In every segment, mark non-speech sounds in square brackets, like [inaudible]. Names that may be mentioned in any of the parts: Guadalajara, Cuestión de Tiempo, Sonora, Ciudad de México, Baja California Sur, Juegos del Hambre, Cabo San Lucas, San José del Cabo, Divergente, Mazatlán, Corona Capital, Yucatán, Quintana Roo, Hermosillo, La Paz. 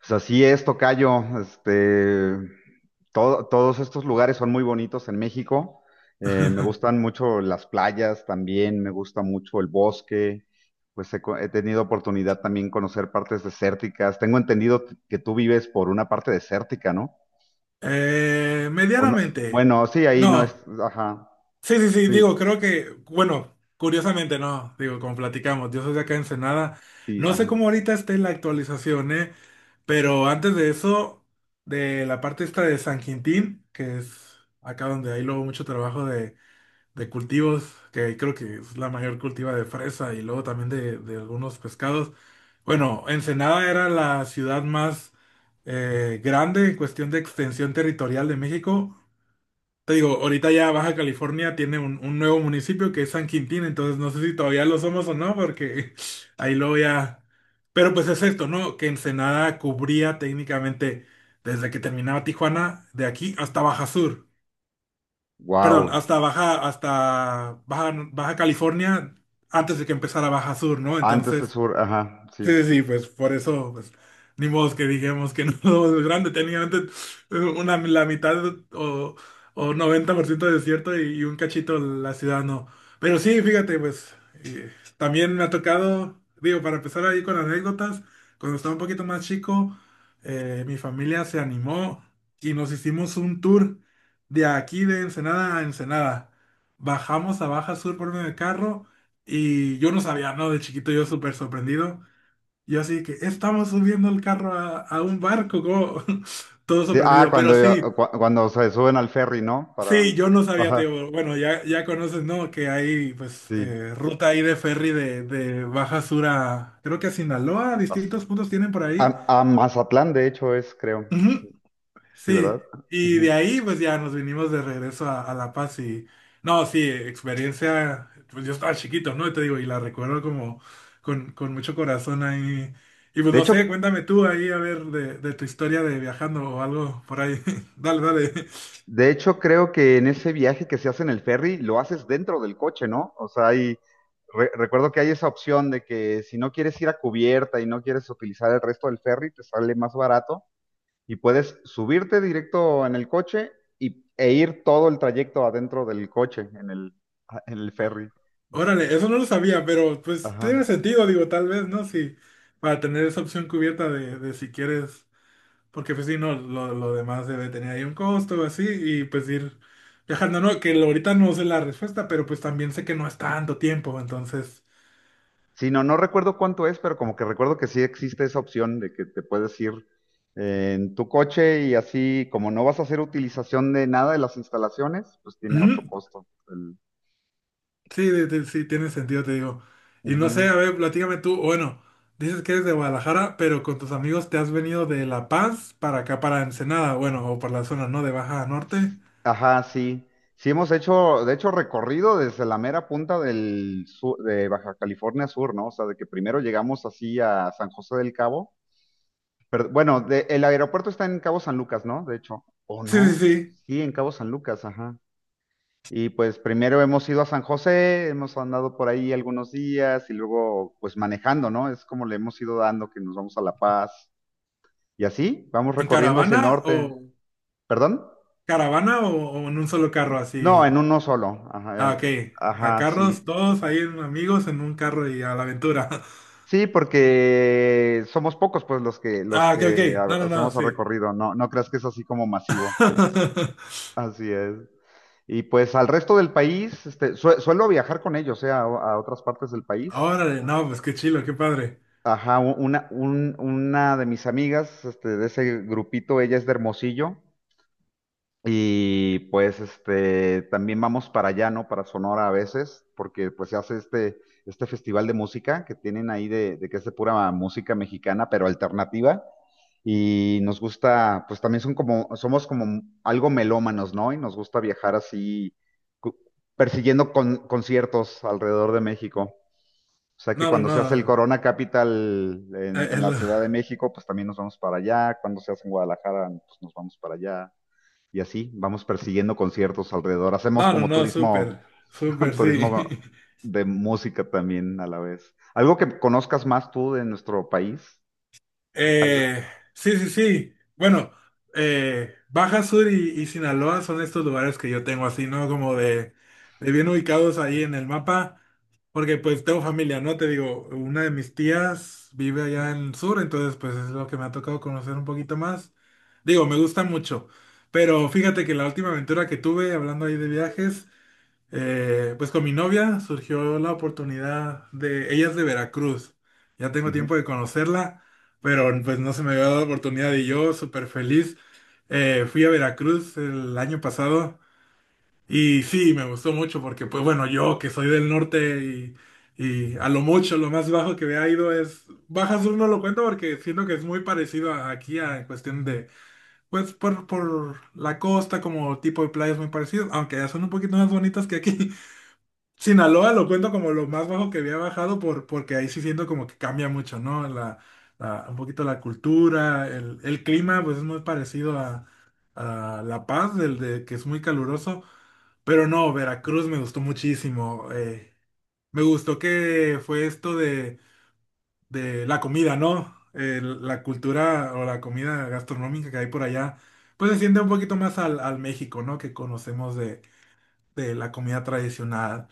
Pues así es, tocayo. Todos estos lugares son muy bonitos en México. Me gustan mucho las playas también, me gusta mucho el bosque. He tenido oportunidad también conocer partes desérticas. Tengo entendido que tú vives por una parte desértica, ¿no? O no, Medianamente. bueno, sí, ahí no es, No. ajá, Sí, sí, sí, sí, digo, creo que, bueno, curiosamente no, digo, como platicamos, yo soy de acá en Ensenada. sí, No sé ajá. cómo ahorita esté la actualización, ¿eh? Pero antes de eso, de la parte esta de San Quintín, que es acá donde hay luego mucho trabajo de cultivos, que creo que es la mayor cultiva de fresa y luego también de algunos pescados. Bueno, Ensenada era la ciudad más grande en cuestión de extensión territorial de México. Te digo, ahorita ya Baja California tiene un nuevo municipio que es San Quintín, entonces no sé si todavía lo somos o no, porque [laughs] ahí luego ya... Pero pues es esto, ¿no? Que Ensenada cubría técnicamente desde que terminaba Tijuana, de aquí hasta Baja Sur. Perdón, Wow. Hasta Baja, Baja California, antes de que empezara Baja Sur, ¿no? Antes de Entonces, sur, ajá, sí. sí, sí, sí, pues por eso, pues, ni modo que dijimos que no [laughs] es grande, tenía antes una, la mitad o, o 90% de desierto y un cachito la ciudad, no. Pero sí, fíjate, pues, eh, también me ha tocado, digo, para empezar ahí con anécdotas, cuando estaba un poquito más chico, mi familia se animó y nos hicimos un tour de aquí de Ensenada a Ensenada. Bajamos a Baja Sur por medio de carro y yo no sabía, ¿no? De chiquito yo súper sorprendido. Yo así que estamos subiendo el carro a un barco, como [laughs] todo Sí, ah, sorprendido, pero sí, cuando se suben al ferry, ¿no? Para, sí, yo no sabía, ajá, Teo, bueno, ya, ya conoces, ¿no? Que hay pues sí. Ruta ahí de ferry de Baja Sur a, creo que a Sinaloa, distintos puntos tienen por ahí. A, a Mazatlán, de hecho, es, creo. Ujú. Sí, Sí, ¿verdad? y de Ujú. ahí pues ya nos vinimos de regreso a La Paz y no, sí, experiencia, pues yo estaba chiquito, ¿no? Y te digo, y la recuerdo como con mucho corazón ahí. Y pues De no sé, hecho, cuéntame tú ahí a ver de tu historia de viajando o algo por ahí. [laughs] Dale, dale. de hecho, creo que en ese viaje que se hace en el ferry, lo haces dentro del coche, ¿no? O sea, hay, recuerdo que hay esa opción de que si no quieres ir a cubierta y no quieres utilizar el resto del ferry, te sale más barato y puedes subirte directo en el coche y, e ir todo el trayecto adentro del coche, en el ferry. Órale, eso no lo sabía, pero pues tiene Ajá. sentido, digo, tal vez, ¿no? Si para tener esa opción cubierta de si quieres. Porque pues sí, no, lo demás debe tener ahí un costo, así, y pues ir viajando, ¿no? Que lo- ahorita no sé la respuesta, pero pues también sé que no es tanto tiempo, entonces... Sí, no, no recuerdo cuánto es, pero como que recuerdo que sí existe esa opción de que te puedes ir en tu coche y así, como no vas a hacer utilización de nada de las instalaciones, pues tiene otro Ujú, costo. El- sí, de- sí, tiene sentido, te digo. Y no Ujú. sé, a ver, platícame tú, bueno, dices que eres de Guadalajara, pero con tus amigos te has venido de La Paz para acá, para Ensenada, bueno, o por la zona, ¿no? De Baja Norte. Ajá, sí. Sí hemos hecho, de hecho, recorrido desde la mera punta de Baja California Sur, ¿no? O sea, de que primero llegamos así a San José del Cabo. Pero, bueno, de- el aeropuerto está en Cabo San Lucas, ¿no? De hecho. ¿O Sí, sí, no? sí. Sí, en Cabo San Lucas, ajá. Y pues primero hemos ido a San José, hemos andado por ahí algunos días y luego pues manejando, ¿no? Es como le hemos ido dando que nos vamos a La Paz y así vamos ¿En recorriendo hacia caravana el o norte. ¿Perdón? caravana o en un solo carro así? No, en uno solo. Ah, ok. A Ajá, sí. carros, todos ahí en- amigos en un carro y a la aventura. [laughs] Sí, porque somos pocos pues Ah, ok, ok. No, no, no, hacemos el sí. recorrido. No, no creas que es así como masivo. [laughs] Así es. Y pues al resto del país, suelo viajar con ellos, a otras partes del país. Órale, no, pues qué chilo, qué padre. Una de mis amigas, este, de ese grupito, ella es de Hermosillo y pues este, también vamos para allá, ¿no? Para Sonora a veces, porque pues se hace este festival de música que tienen ahí de que es de pura música mexicana, pero alternativa. Y nos gusta, pues también son como, somos como algo melómanos, ¿no? Y nos gusta viajar así, cu- persiguiendo conciertos alrededor de México. O sea que No, no, cuando se hace el no. Corona Capital en la El- Ciudad [laughs] de México, pues también nos vamos para allá. Cuando se hace en Guadalajara, pues nos vamos para allá. Y así vamos persiguiendo conciertos alrededor. Hacemos No, no, como no, súper, turismo, súper, [laughs] sí. turismo [laughs] de música también a la vez. Algo que conozcas más tú de nuestro país, tocayo. Eh, sí, sí, sí. Bueno, Baja Sur y Sinaloa son estos lugares que yo tengo así, ¿no? Como de bien ubicados ahí en el mapa, porque pues tengo familia, ¿no? Te digo, una de mis tías vive allá en el sur, entonces pues es lo que me ha tocado conocer un poquito más. Digo, me gusta mucho, pero fíjate que la última aventura que tuve, hablando ahí de viajes, pues con mi novia surgió la oportunidad de, ella es de Veracruz, ya tengo Ujú. tiempo de conocerla, pero pues no se me había dado la oportunidad y yo súper feliz. Fui a Veracruz el año pasado y sí, me gustó mucho porque pues bueno, yo que soy del norte y a lo mucho, lo más bajo que había ido es, Baja Sur no lo cuento porque siento que es muy parecido a- aquí a, en cuestión de, pues por la costa como tipo de playas muy parecido, aunque ya son un poquito más bonitas que aquí. Sinaloa lo cuento como lo más bajo que había bajado por, porque ahí sí siento como que cambia mucho, ¿no? La- un poquito la cultura, el clima, pues es muy parecido a La Paz, del de que es muy caluroso, pero no, Veracruz me gustó muchísimo. Me gustó que fue esto de la comida, ¿no? El- la cultura o la comida gastronómica que hay por allá, pues se siente un poquito más al, al México, ¿no? Que conocemos de la comida tradicional,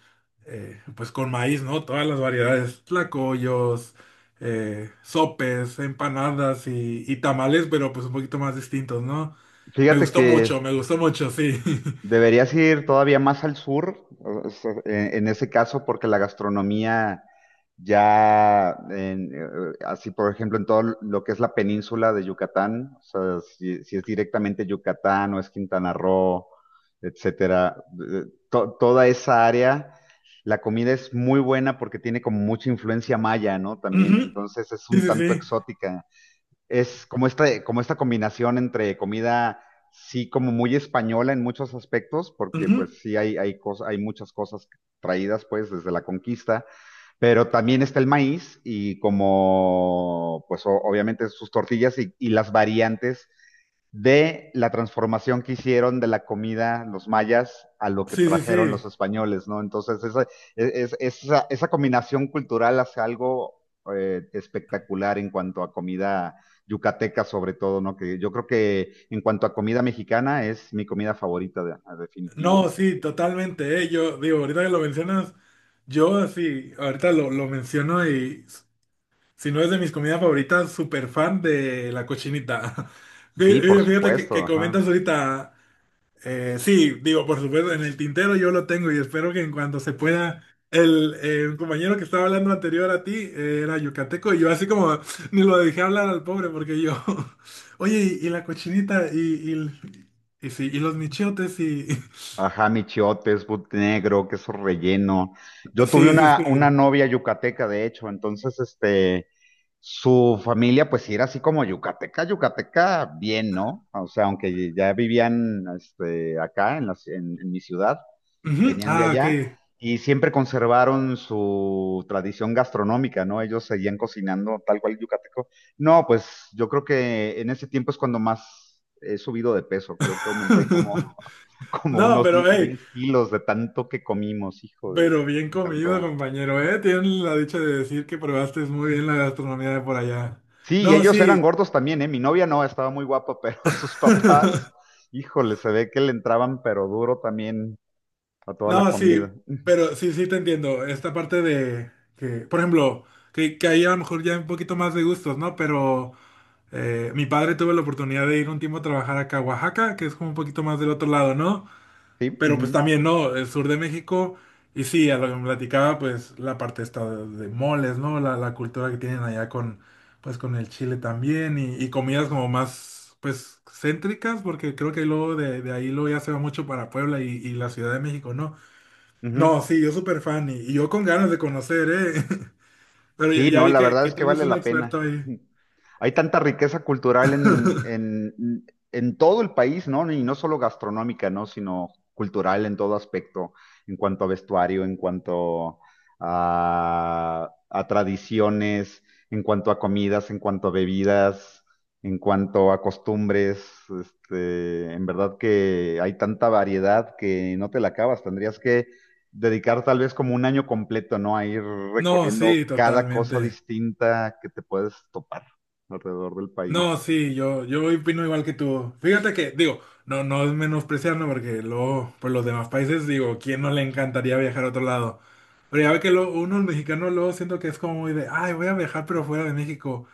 pues con maíz, ¿no? Todas las variedades, tlacoyos, sopes, empanadas y tamales, pero pues un poquito más distintos, ¿no? Fíjate que Me gustó mucho, sí. [laughs] deberías ir todavía más al sur, sea, en ese caso, porque la gastronomía ya, así por ejemplo, en todo lo que es la península de Yucatán, o sea, si es directamente Yucatán o es Quintana Roo, etcétera, eh, toda esa área, la comida es muy buena porque tiene como mucha influencia maya, ¿no? También, Ujú, entonces es sí, un sí, tanto sí. exótica, es como esta combinación entre comida, sí, como muy española en muchos aspectos, porque Ujú. pues sí hay muchas cosas traídas pues desde la conquista, pero también está el maíz y como pues obviamente sus tortillas y las variantes de la transformación que hicieron de la comida los mayas a lo que Sí, sí, trajeron los sí. españoles, ¿no? Entonces, esa, e, es- esa combinación cultural hace algo espectacular en cuanto a comida yucateca, sobre todo, ¿no? Que yo creo que en cuanto a comida mexicana es mi comida favorita, de- a definitivo. No, sí, totalmente, eh. Yo digo, ahorita que lo mencionas, yo así, ahorita lo menciono y s- si no es de mis comidas favoritas, súper fan de la cochinita. [laughs] Sí, por Fí- Fíjate supuesto, que comentas ajá. ahorita. Sí, digo, por supuesto, en el tintero yo lo tengo y espero que en cuanto se pueda, el, un compañero que estaba hablando anterior a ti era yucateco y yo así como [laughs] ni lo dejé hablar al pobre porque yo, [laughs] oye, y la cochinita y, el- y, sí, y los michotes y... [laughs] Ajá, mi but negro, queso relleno. Yo tuve Sí, sí, una sí. novia yucateca, de hecho, entonces, este, su familia, pues sí era así como yucateca, yucateca, bien, ¿no? O sea, aunque ya vivían, este, acá en en mi ciudad, Ujú, venían de ah, ok. allá y siempre conservaron su tradición gastronómica, ¿no? Ellos seguían cocinando tal cual yucateco. No, pues yo creo que en ese tiempo es cuando más he subido de peso, creo que aumenté como [laughs] como No, unos pero hey, 10 kilos de tanto que comimos, hijo de... pero bien Me comido, encantó. compañero, ¿eh? Tienen la dicha de decir que probaste muy bien la gastronomía de por allá. Sí, y No, ellos eran sí. gordos también, ¿eh? Mi novia no, estaba muy guapa, pero [laughs] sus papás, [laughs] híjole, se ve que le entraban pero duro también a toda la No, comida. sí, pero sí, sí te entiendo. Esta parte de que, por ejemplo, que ahí a lo mejor ya hay un poquito más de gustos, ¿no? Pero mi padre tuvo la oportunidad de ir un tiempo a trabajar acá a Oaxaca, que es como un poquito más del otro lado, ¿no? Sí. Uh Pero pues -huh, también, ¿no? El sur de México. Y sí, a lo que me platicaba, pues la parte esta de moles, ¿no? La cultura que tienen allá con, pues con el chile también y comidas como más, pues, céntricas, porque creo que luego de ahí luego ya se va mucho para Puebla y la Ciudad de México, ¿no? uh -huh. No, sí, yo súper fan y yo con ganas de conocer, ¿eh? [laughs] Pero ya, Sí, ya no, vi la verdad que es tú que eres vale un la pena. experto ahí. [laughs] Hay tanta riqueza cultural [laughs] en todo el país, ¿no? Y no solo gastronómica, ¿no? Sino cultural en todo aspecto, en cuanto a vestuario, en cuanto a tradiciones, en cuanto a comidas, en cuanto a bebidas, en cuanto a costumbres. Este, en verdad que hay tanta variedad que no te la acabas. Tendrías que dedicar tal vez como un año completo, ¿no? A ir No, recorriendo sí, cada cosa totalmente. distinta que te puedes topar alrededor del país. No, sí, yo opino igual que tú. Fíjate que, digo, no, no es menospreciando porque luego, pues los demás países, digo, ¿quién no le encantaría viajar a otro lado? Pero ya ve que lo, uno, el mexicano, luego siento que es como muy de, ay, voy a viajar pero fuera de México.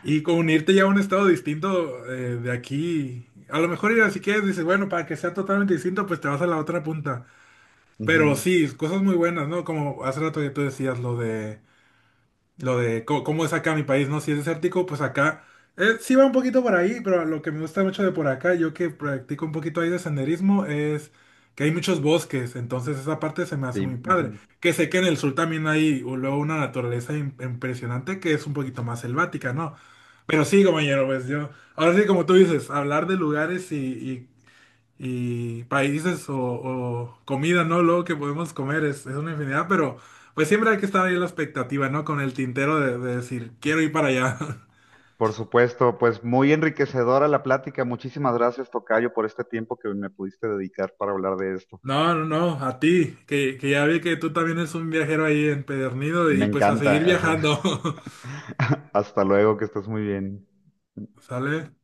Y con unirte ya a un estado distinto de aquí, a lo mejor ir así que dices, bueno, para que sea totalmente distinto, pues te vas a la otra punta. Pero Ujú. sí, cosas muy buenas, ¿no? Como hace rato ya tú decías lo de co- cómo, es acá mi país, ¿no? Si es desértico, pues acá sí va un poquito por ahí, pero lo que me gusta mucho de por acá, yo que practico un poquito ahí de senderismo, es que hay muchos bosques, entonces esa parte se me hace Sí. muy padre. Ujú. Que sé que en el sur también hay u- luego una naturaleza im- impresionante que es un poquito más selvática, ¿no? Pero sí, compañero, pues yo, ahora sí, como tú dices, hablar de lugares y países o comida, ¿no? Luego que podemos comer es una infinidad, pero pues siempre hay que estar ahí en la expectativa, ¿no? Con el tintero de decir, quiero ir para allá. [laughs] Por supuesto, pues muy enriquecedora la plática. Muchísimas gracias, tocayo, por este tiempo que me pudiste dedicar para hablar de esto. No, no, no, a ti, que ya vi que tú también eres un viajero ahí empedernido Me y pues a seguir encanta, ajá. viajando, [laughs] Hasta luego, que estés muy bien. [laughs] ¿sale?